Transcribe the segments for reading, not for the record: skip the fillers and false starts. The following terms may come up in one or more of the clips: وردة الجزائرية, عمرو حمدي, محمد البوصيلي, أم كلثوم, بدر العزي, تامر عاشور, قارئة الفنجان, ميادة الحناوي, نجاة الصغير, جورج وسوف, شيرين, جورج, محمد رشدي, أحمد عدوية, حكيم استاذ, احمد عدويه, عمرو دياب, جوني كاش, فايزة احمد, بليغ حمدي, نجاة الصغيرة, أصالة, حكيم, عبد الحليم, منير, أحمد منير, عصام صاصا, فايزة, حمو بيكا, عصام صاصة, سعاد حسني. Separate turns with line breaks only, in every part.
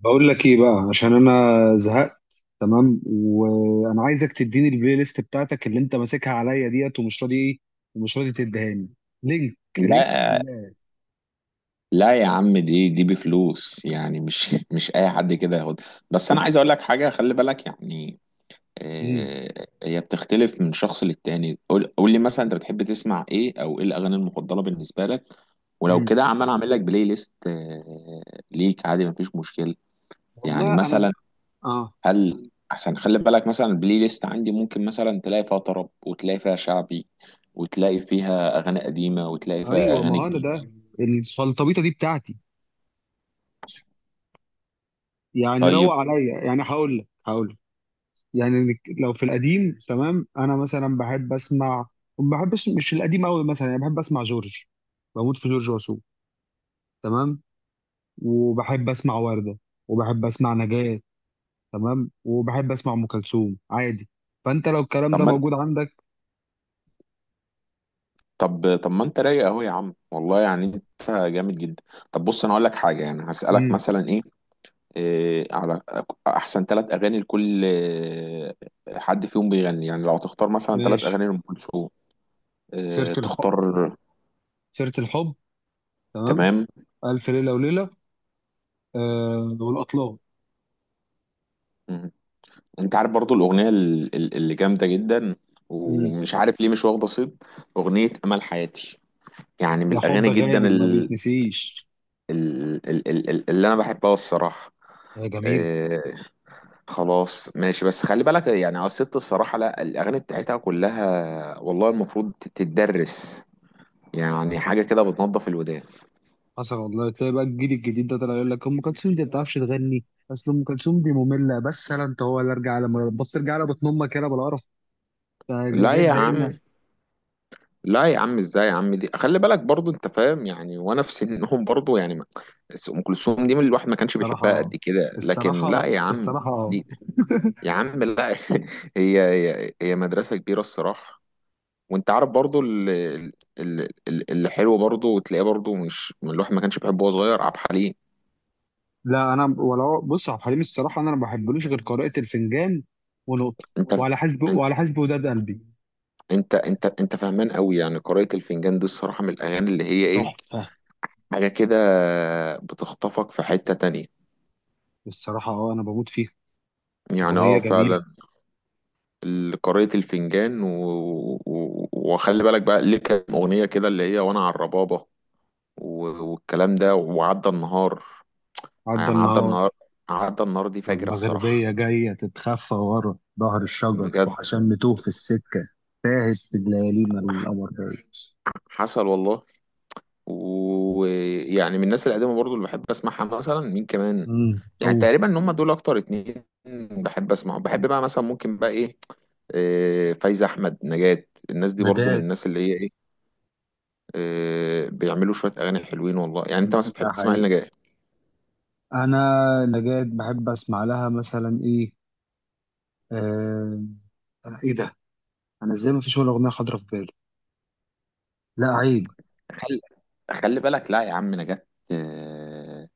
بقول لك ايه بقى، عشان انا زهقت. تمام، وانا عايزك تديني البلاي ليست بتاعتك اللي انت ماسكها عليا ديت، ومش راضي تديهاني. لينك
لا
لله.
لا يا عم دي بفلوس يعني مش مش اي حد كده ياخد. بس انا عايز اقول لك حاجه، خلي بالك يعني.
امم.
هي بتختلف من شخص للتاني. قول لي مثلا انت بتحب تسمع ايه او ايه الاغاني المفضله بالنسبه لك؟ ولو
امم.
كده عم انا اعمل لك بلاي ليست ليك عادي، مفيش مشكله. يعني
والله انا
مثلا
اه.
هل احسن، خلي بالك مثلا البلاي ليست عندي ممكن مثلا تلاقي فيها طرب، وتلاقي فيها شعبي، وتلاقي فيها اغاني قديمه، وتلاقي فيها
ايوه، ما
اغاني
هو انا
جديده.
ده الفلطبيطه دي بتاعتي، يعني روق
طيب
عليا. يعني هقول لك. يعني لو في القديم، تمام. انا مثلا بحب اسمع، ما بحبش مش القديم قوي، مثلا يعني بحب اسمع جورج. بموت في جورج وسوف، تمام. وبحب اسمع ورده، وبحب اسمع نجاة، تمام. وبحب اسمع ام كلثوم عادي. فانت لو الكلام
طب
ده
ما
موجود عندك.
طب طب ما انت رايق اهو يا عم، والله يعني انت جامد جدا. طب بص انا اقول لك حاجه، يعني هسالك
امم.
مثلا إيه احسن ثلاث اغاني لكل حد فيهم بيغني. يعني لو هتختار مثلا ثلاث
ماشي.
اغاني لام كلثوم
سيره
إيه
الحب.
تختار؟
سيره الحب. تمام.
تمام.
الف ليله وليله. آه، والاطلال.
مم. انت عارف برضو الاغنيه اللي جامده جدا
مم.
ومش عارف ليه مش واخده صيت، اغنيه امل حياتي. يعني من
يا حب
الاغاني جدا
غالي ما بيتنسيش.
ال اللي انا بحبها الصراحه.
يا جميل.
آه، خلاص ماشي. بس خلي بالك يعني، اه، الست الصراحة لا، الأغاني بتاعتها كلها والله المفروض تتدرس. يعني حاجة كده بتنظف الودان.
حصل والله. تلاقي بقى الجيل الجديد ده طلع يقول لك ام كلثوم دي ما بتعرفش تغني، اصل ام كلثوم دي ممله. بس انا انت هو اللي ارجع على بص، ارجع على بطن امك يلا بالقرف. ده ده
لا
ده
يا
تضايقنا.
عم، لا يا عم، ازاي يا عم؟ دي خلي بالك برضو، انت فاهم يعني، وانا في سنهم برضو يعني بس ام كلثوم دي من الواحد ما كانش بيحبها
صراحه
قد كده، لكن لا
الصراحه
يا عم.
الصراحه
دي يا عم لا، هي مدرسة كبيرة الصراحة. وانت عارف برضو اللي حلو برضو، وتلاقيه برضو مش من الواحد ما كانش بيحبه وهو صغير، عبد الحليم.
لا، انا ولو بص عبد الحليم الصراحه انا ما بحبلوش غير قراءه الفنجان ونقطه.
انت
وعلى حسب
انت
وعلى حسب وداد قلبي.
انت فاهمان قوي. يعني قارئة الفنجان دي الصراحة من الاغاني اللي هي ايه،
تحفه.
حاجة كده بتخطفك في حتة تانية.
الصراحه اه، انا بموت فيها.
يعني
اغنيه
اه
جميله.
فعلا. قارئة الفنجان و... و... وخلي بالك بقى ليه، كام اغنية كده اللي هي وانا على الربابة، و... والكلام ده، وعدى النهار.
عدى
يعني عدى
النهار.
النهار، عدى النهار دي فجرة الصراحة.
والمغربيه جايه تتخفى ورا ظهر الشجر،
بجد.
وعشان نتوه في السكه. تاهت في الليالينا القمر جاي.
حصل والله. ويعني من الناس القديمة برضو اللي بحب اسمعها مثلا مين كمان؟
امم.
يعني
اوه.
تقريبا ان هم دول اكتر اتنين بحب اسمعهم. بحب بقى مثلا ممكن بقى ايه، فايزة احمد، نجاة، الناس دي برضو من
نجاة.
الناس اللي هي ايه، بيعملوا شوية اغاني حلوين والله. يعني انت مثلا بتحب
ده
تسمع إيه
حقيقي.
لنجاة؟
انا نجاة بحب اسمع لها مثلا ايه؟ آه... انا ايه ده، انا ازاي ما فيش ولا اغنيه حاضره في بالي؟ لا عيب.
خلي خلي بالك، لا يا عم، نجاة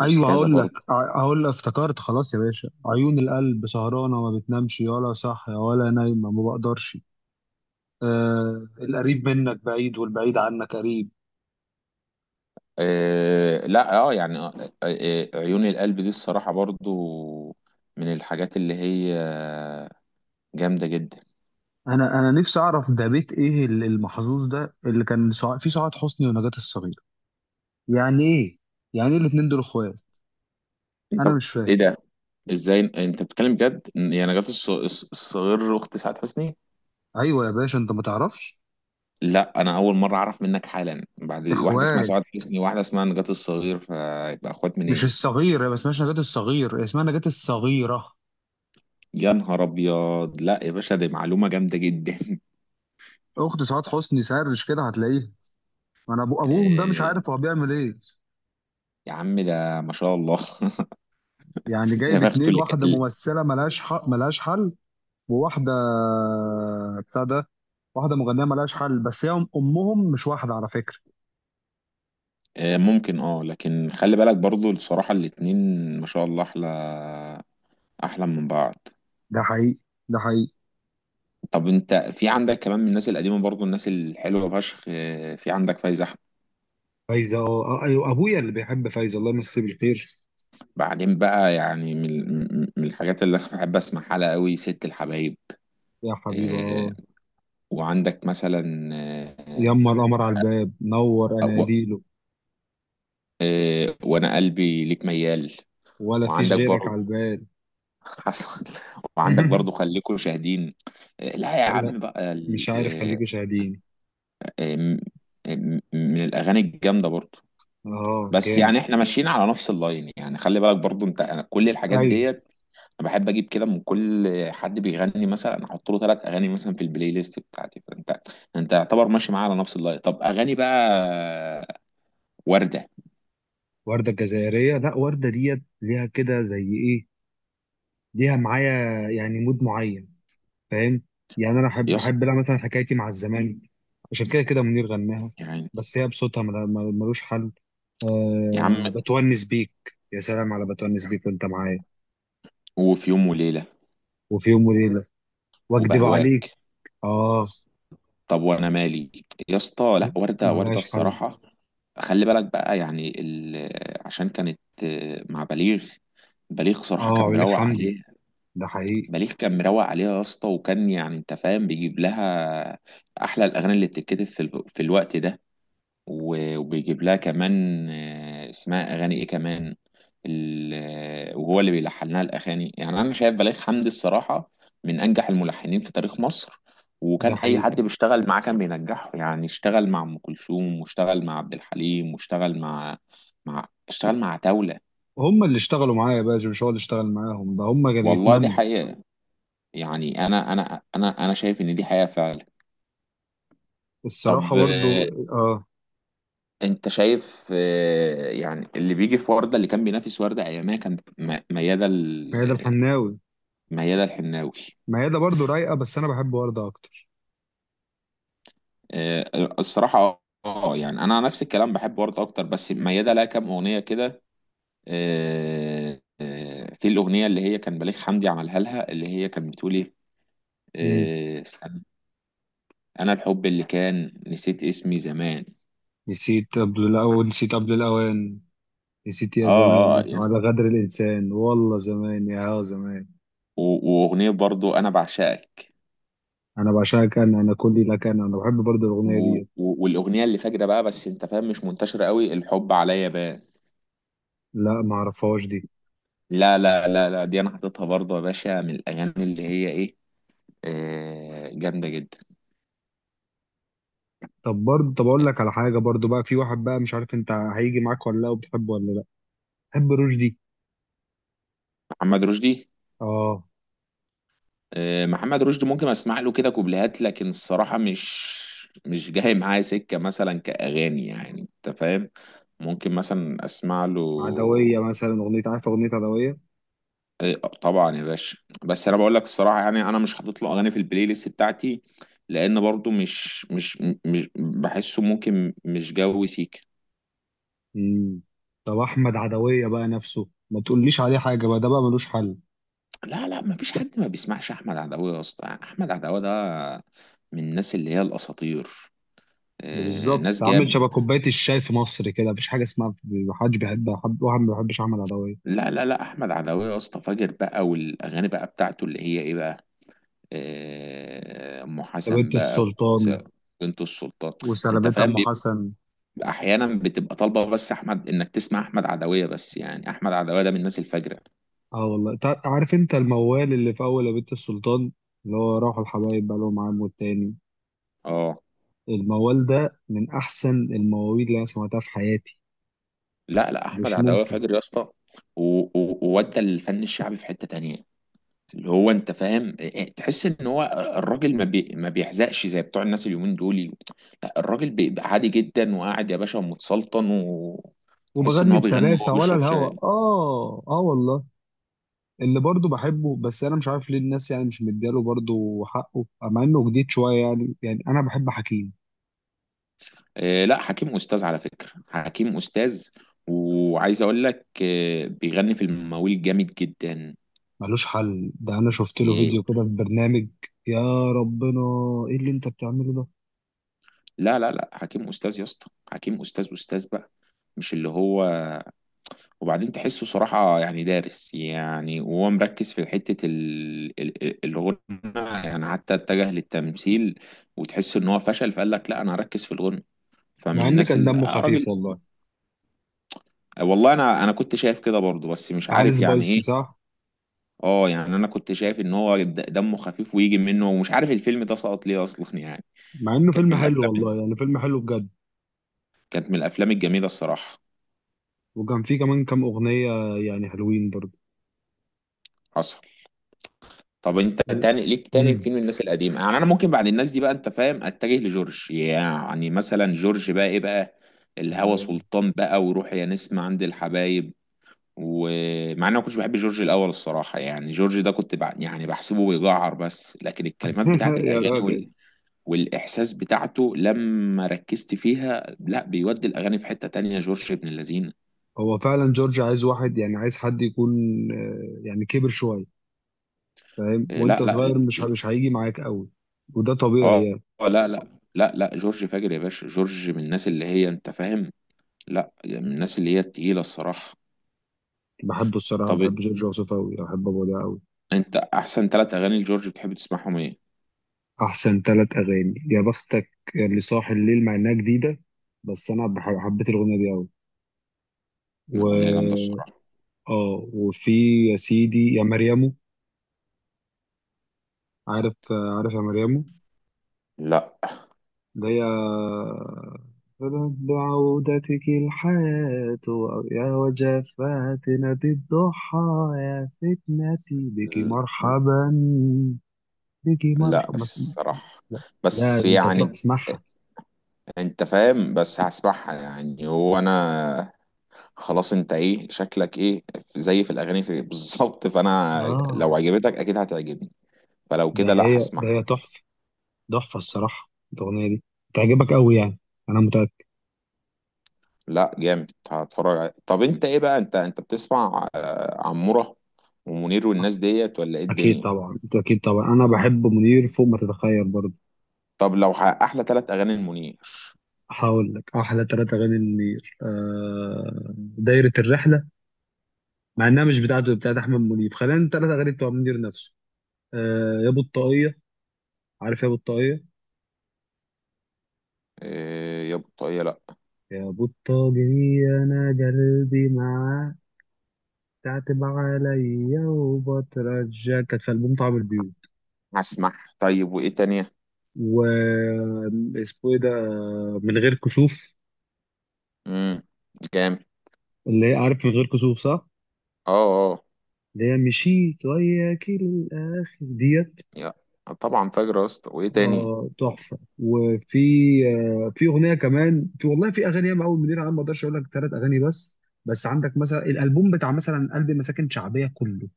ايوه،
أستاذة
هقول لك
برضه.
ع- هقول لك افتكرت. خلاص يا باشا، عيون القلب سهرانه ما بتنامش، ولا صاحيه ولا نايمه، ما بقدرش. آه، القريب منك بعيد والبعيد عنك قريب.
لا اه يعني، عيون القلب دي الصراحة برضه من الحاجات اللي هي جامدة جدا.
انا نفسي اعرف ده بيت ايه، المحظوظ ده اللي كان فيه سعاد حسني ونجاة الصغيره. يعني ايه؟ يعني ايه الاتنين دول اخوات؟
انت
انا مش
ايه
فاهم.
ده؟ ازاي انت بتتكلم بجد يعني؟ نجاة الصغير اخت سعاد حسني؟
ايوه يا باشا، انت ما تعرفش؟
لا انا اول مره اعرف منك حالا بعد، واحده اسمها
اخوات.
سعاد حسني، واحده اسمها نجاة الصغير، فيبقى اخوات من
مش
ايه؟
الصغير، هي ما اسمهاش نجاة الصغير، هي اسمها نجاة الصغيره،
يا نهار ابيض، لا يا باشا، دي معلومه جامده جدا.
اخت سعاد حسني. سرش كده هتلاقيها. انا ابوهم ده مش
آه،
عارف هو بيعمل ايه.
يا عم ده ما شاء الله.
يعني
يا
جايب
بخته
اتنين،
اللي
واحدة
كان.
ممثلة ملهاش حق، ملهاش حل. وواحدة بتاع ده، واحدة مغنية ملهاش حل، بس هي أمهم مش واحدة على فكرة.
ممكن اه، لكن خلي بالك برضو الصراحه، الاتنين ما شاء الله، احلى احلى من بعض.
ده حقيقي. ده حقيقي.
طب انت في عندك كمان من الناس القديمه برضو الناس الحلوه فشخ، في عندك فايزه.
فايزه اه، ايوه، ابويا اللي بيحب فايزه، الله يمسيه بالخير.
بعدين بقى يعني من الحاجات اللي انا بحب اسمعها لها قوي ست الحبايب.
يا حبيبي
آه،
اه.
وعندك مثلا،
يما القمر على الباب نور
آه، و-
اناديله.
وانا قلبي ليك ميال.
ولا فيش
وعندك
غيرك على
برضه،
الباب.
حصل. وعندك برضه خليكوا شاهدين. لا يا
لا.
عم بقى
مش عارف، خليكوا شاهدين.
آه، م- من الاغاني الجامده برضه.
اه
بس
جامد.
يعني احنا ماشيين على نفس اللاين يعني، خلي بالك برضه انت، أنا كل الحاجات
ايوه.
ديت انا بحب اجيب كده من كل حد بيغني، مثلا احط له ثلاث اغاني مثلا في البلاي ليست بتاعتي. فانت انت يعتبر ماشي معاه على نفس اللاين. طب اغاني بقى ورده؟
ورده الجزائريه، لا، ورده ديت ليها كده زي ايه، ليها معايا يعني مود معين، فاهم؟ يعني انا بحب
يا اسطى،
بحب لها مثلا حكايتي مع الزمالك. عشان كده كده منير غناها،
يعني،
بس هي بصوتها ملوش حل.
يا
أه
عم،
بتونس بيك. يا سلام على بتونس بيك وانت معايا.
وفي يوم وليله،
وفي يوم وليله. واكدب
وبهواك،
عليك. اه.
طب وانا مالي، يا اسطى، لا ورده ورده
ملهاش حل.
الصراحه. خلي بالك بقى يعني، ال... عشان كانت مع بليغ، بليغ
اه
صراحة كان
عمرو
مروق
حمدي.
عليه.
ده حقيقي
بليغ كان مروق عليها يا اسطى، وكان يعني انت فاهم بيجيب لها احلى الاغاني اللي بتتكتب في الوقت ده. و وبيجيب لها كمان اسمها اغاني ايه كمان وهو اللي بيلحن لها الاغاني. يعني انا شايف بليغ حمدي الصراحه من انجح الملحنين في تاريخ مصر،
ده
وكان اي
حقيقي
حد بيشتغل معاه كان بينجحه. يعني اشتغل مع ام كلثوم، واشتغل مع عبد الحليم، واشتغل مع، مع، اشتغل مع عتاوله.
هم اللي اشتغلوا معايا يا باشا، مش هو اللي اشتغل معاهم، ده هم كانوا
والله دي
يتمنوا.
حقيقه. يعني انا شايف ان دي حقيقه فعلا.
الصراحه
طب
برضو اه.
انت شايف يعني اللي بيجي في ورده اللي كان بينافس ورده ايامها كان ميادة
ميادة الحناوي.
ميادة الحناوي.
ميادة برضو رايقه، بس انا بحب وردة اكتر.
آه، الصراحه اه يعني انا نفس الكلام، بحب ورده اكتر، بس ميادة لها كام اغنيه كده، في الاغنيه اللي هي كان بليغ حمدي عملها لها اللي هي كانت بتقول ايه، استنى، انا الحب اللي كان نسيت اسمي زمان.
نسيت قبل الأوان، نسيت قبل الأوان، نسيت يا
اه اه.
زمان، وعلى غدر الإنسان، والله زمان يا زمان.
واغنيه برضو انا بعشقك.
أنا بعشقك، أنا، أنا كلي لك، أنا. أنا بحب برضه
و...
الأغنية دي.
والاغنيه اللي فاجره بقى بس انت فاهم مش منتشره قوي، الحب عليا بان.
لا، ما أعرفهاش دي.
لا لا لا لا، دي انا حاططها برضه يا باشا من الاغاني اللي هي ايه، آه، جامده جدا.
طب برضه، طب أقول لك على حاجة برضه بقى، في واحد بقى مش عارف أنت هيجي معاك ولا لا، وبتحبه ولا لا. بحب رشدي.
محمد رشدي؟
آه.
آه، محمد رشدي ممكن اسمع له كده كوبليهات، لكن الصراحه مش جاي معايا سكه مثلا كاغاني يعني، انت فاهم. ممكن مثلا اسمع له.
عدوية مثلا، أغنية عارف أغنية عدوية؟
إيه، طبعا يا باشا. بس انا بقول لك الصراحه يعني انا مش حاطط له اغاني في البلاي ليست بتاعتي، لان برضو مش بحسه، ممكن مش جو سيك.
مم. طب أحمد عدوية بقى نفسه ما تقوليش عليه حاجة بقى، ده بقى ملوش حل.
لا لا، ما فيش حد ما بيسمعش احمد عدويه يا اسطى. احمد عدويه ده من الناس اللي هي الاساطير.
ده بالظبط
ناس
عامل
جامد.
شبه كوبايه الشاي في مصر كده، مفيش حاجه اسمها محدش بيحبها، حد واحد ما بيحبش احمد عدويه.
لا لا لا، احمد عدويه يا اسطى فاجر بقى، والاغاني بقى بتاعته اللي هي ايه بقى، ام
ده
حسن
بنت
بقى، وس-
السلطان.
بنت السلطان. انت
وسلامتها
فاهم،
ام حسن.
احيانا بتبقى طالبه بس احمد انك تسمع احمد عدويه، بس يعني احمد عدويه ده من الناس الفجره.
اه والله. عارف انت الموال اللي في اول يا بنت السلطان، اللي هو راحوا الحبايب بقى لهم عام والتاني؟
اه.
الموال ده من احسن المواويل اللي انا سمعتها في حياتي.
لا لا، احمد
مش
عدويه
ممكن.
فجر يا اسطى، و- و- وودى الفن الشعبي في حته تانية. اللي هو انت فاهم إيه، تحس ان هو الراجل ما بيحزقش زي بتوع الناس اليومين دول. لا الراجل بيبقى عادي جدا وقاعد يا باشا متسلطن، وتحس ان
وبغني
هو بيغني وهو
بسلاسه ولا
بيشرب
الهوى.
شاي.
اه اه والله. اللي برضه بحبه بس انا مش عارف ليه الناس يعني مش مدياله برضه حقه، مع انه جديد شويه، يعني انا بحب حكيم.
إيه لا، حكيم استاذ على فكره، حكيم استاذ. وعايز اقول لك إيه، بيغني في المواويل جامد جدا.
ملوش حل. ده انا شفت له فيديو كده في برنامج، يا ربنا، ايه اللي انت بتعمله ده.
لا لا لا، حكيم استاذ يا اسطى، حكيم استاذ استاذ بقى، مش اللي هو. وبعدين تحسه صراحة يعني دارس، يعني وهو مركز في حتة الغنى. يعني حتى اتجه للتمثيل وتحس ان هو فشل فقال لك لا انا هركز في الغنى. فمن
مع ان
الناس
كان
ال...
دمه
آه، راجل.
خفيف والله.
والله انا كنت شايف كده برضه بس مش
تعالى
عارف يعني
سبايسي
ايه.
صح.
اه يعني انا كنت شايف ان هو دمه خفيف، ويجي منه ومش عارف الفيلم ده سقط ليه اصلا يعني.
مع انه
كانت
فيلم
من
حلو
الافلام،
والله، يعني فيلم حلو بجد.
كانت من الافلام الجميلة الصراحة.
وكان فيه كمان كام اغنية يعني حلوين برضه.
حصل. طب انت
و...
تاني ليك تاني
مم.
فين من الناس القديمه؟ يعني انا ممكن بعد الناس دي بقى انت فاهم اتجه لجورج. يعني مثلا جورج بقى ايه بقى، الهوى سلطان بقى، وروح يا نسمة عند الحبايب. ومع اني ما كنتش بحب جورج الاول الصراحه، يعني جورج ده كنت يعني بحسبه بيجعر، بس لكن الكلمات بتاعت
يا
الاغاني
راجل.
وال، والاحساس بتاعته لما ركزت فيها، لا بيودي الاغاني في حته تانية، جورج ابن اللذين.
هو فعلا جورج عايز واحد، يعني عايز حد يكون يعني كبر شوية، فاهم؟
اه، لا
وانت
لا، ج...
صغير، مش ه-
ج-
مش هيجي معاك قوي. وده طبيعي
اه
يعني.
لا لا لا لا، جورج فاجر يا باشا، جورج من الناس اللي هي انت فاهم. لا يعني من الناس اللي هي التقيلة الصراحة.
بحبه الصراحة،
طب
بحب جورج وسوف قوي، بحب ابوه ده قوي.
انت احسن ثلاث اغاني لجورج بتحب تسمعهم ايه؟
أحسن ثلاث أغاني يا بختك. اللي صاحي الليل، مع إنها جديدة، بس أنا حبيت الأغنية دي أوي.
اغنية جامدة
و
الصراحة.
آه وفي يا سيدي يا مريمو. عارف؟ عارف يا مريمو؟
لا
ده يا بعودتك الحياة، يا وجفاتنا دي الضحى، يا فتنتي بك مرحبا، بك
لا
مرحبا.
الصراحة،
لا. لا،
بس
ده أنت تروح
يعني
تسمعها.
انت فاهم، بس هسمعها يعني. هو انا خلاص، انت ايه شكلك، ايه في زي في الاغاني في بالظبط. فانا لو
آه.
عجبتك اكيد هتعجبني، فلو
ده
كده لا
هي ده
هسمعها.
هي تحفة، تحفة الصراحة الأغنية دي. تعجبك أوي يعني، أنا متأكد.
لا جامد هتفرج عليها. طب انت ايه بقى، انت بتسمع عمورة ومنير والناس ديت ولا ايه
أكيد
الدنيا؟
طبعا، أكيد طبعا، أنا بحب منير فوق ما تتخيل برضه.
طب لو احلى ثلاث اغاني المنير؟
هقول لك أحلى تلاتة أغاني لمنير. دايرة الرحلة، مع إنها مش بتاعته، بتاعت أحمد منير. خلينا التلاتة أغاني بتوع منير نفسه. آه يا بطاقية. عارف يا بطاقية؟
إيه يا بطاقية؟ لا.
يا بطاقية أنا قلبي معاك، تعتب عليا وبترجاك، كانت في ألبوم طعم البيوت.
هسمع. طيب وايه تانية؟
و اسمه ايه ده، من غير كسوف.
امم. جامد.
اللي هي عارف من غير كسوف صح؟
اه اه.
اللي هي مشيت وياك للآخر ديت.
يا طبعا فجر يا اسطى، وايه تاني؟
اه تحفة. وفي آه في أغنية كمان، في والله، في أغاني ياما أوي منير. أنا ما أقدرش أقول لك ثلاث أغاني بس. بس عندك مثلا الألبوم بتاع مثلا قلب مساكن شعبية كله،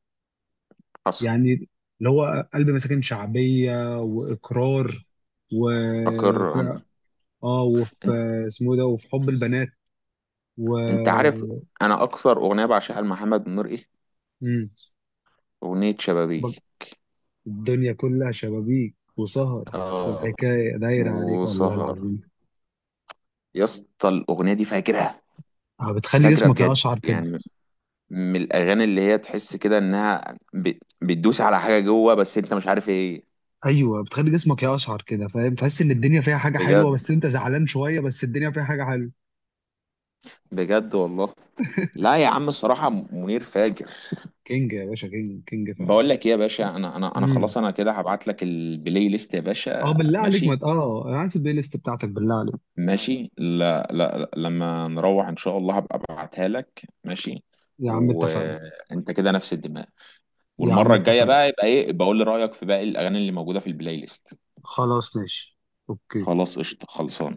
حصل.
يعني اللي هو قلب مساكن شعبية، وإقرار، و ف-
فاكر انا.
اه، وفي
انت
اسمه إيه ده، وفي حب البنات. و
أنت عارف انا اكثر اغنيه بعشقها لمحمد منير ايه،
مم.
اغنيه شبابيه.
الدنيا كلها شبابيك وسهر،
اه.
والحكاية دايرة عليك، والله
وسهر،
العظيم.
يا اسطى الاغنيه دي فاجره،
بتخلي
فاجره
جسمك
بجد
يقشعر كده.
يعني، من الاغاني اللي هي تحس كده انها بتدوس على حاجه جوه بس انت مش عارف ايه.
ايوه، بتخلي جسمك يقشعر كده، فاهم؟ تحس ان الدنيا فيها حاجه حلوه،
بجد،
بس انت زعلان شويه، بس الدنيا فيها حاجه حلوه.
بجد والله. لا يا عم، الصراحة منير فاجر.
كينج يا باشا، كينج كينج
بقول
فعلا.
لك ايه يا باشا، انا
امم.
خلاص، انا كده هبعت لك البلاي ليست يا
اه،
باشا،
بالله عليك، ما
ماشي؟
ت- اه انا عايز البلاي ليست بتاعتك بالله عليك.
ماشي. لا لا لا، لما نروح ان شاء الله هبقى ابعتها لك ماشي.
يا عم اتفقنا.
وانت كده نفس الدماغ،
يا عم
والمرة الجاية
اتفقنا.
بقى يبقى ايه بقول لي رأيك في باقي الاغاني اللي موجودة في البلاي ليست.
خلاص ماشي. اوكي.
خلاص قشطة، خلصان.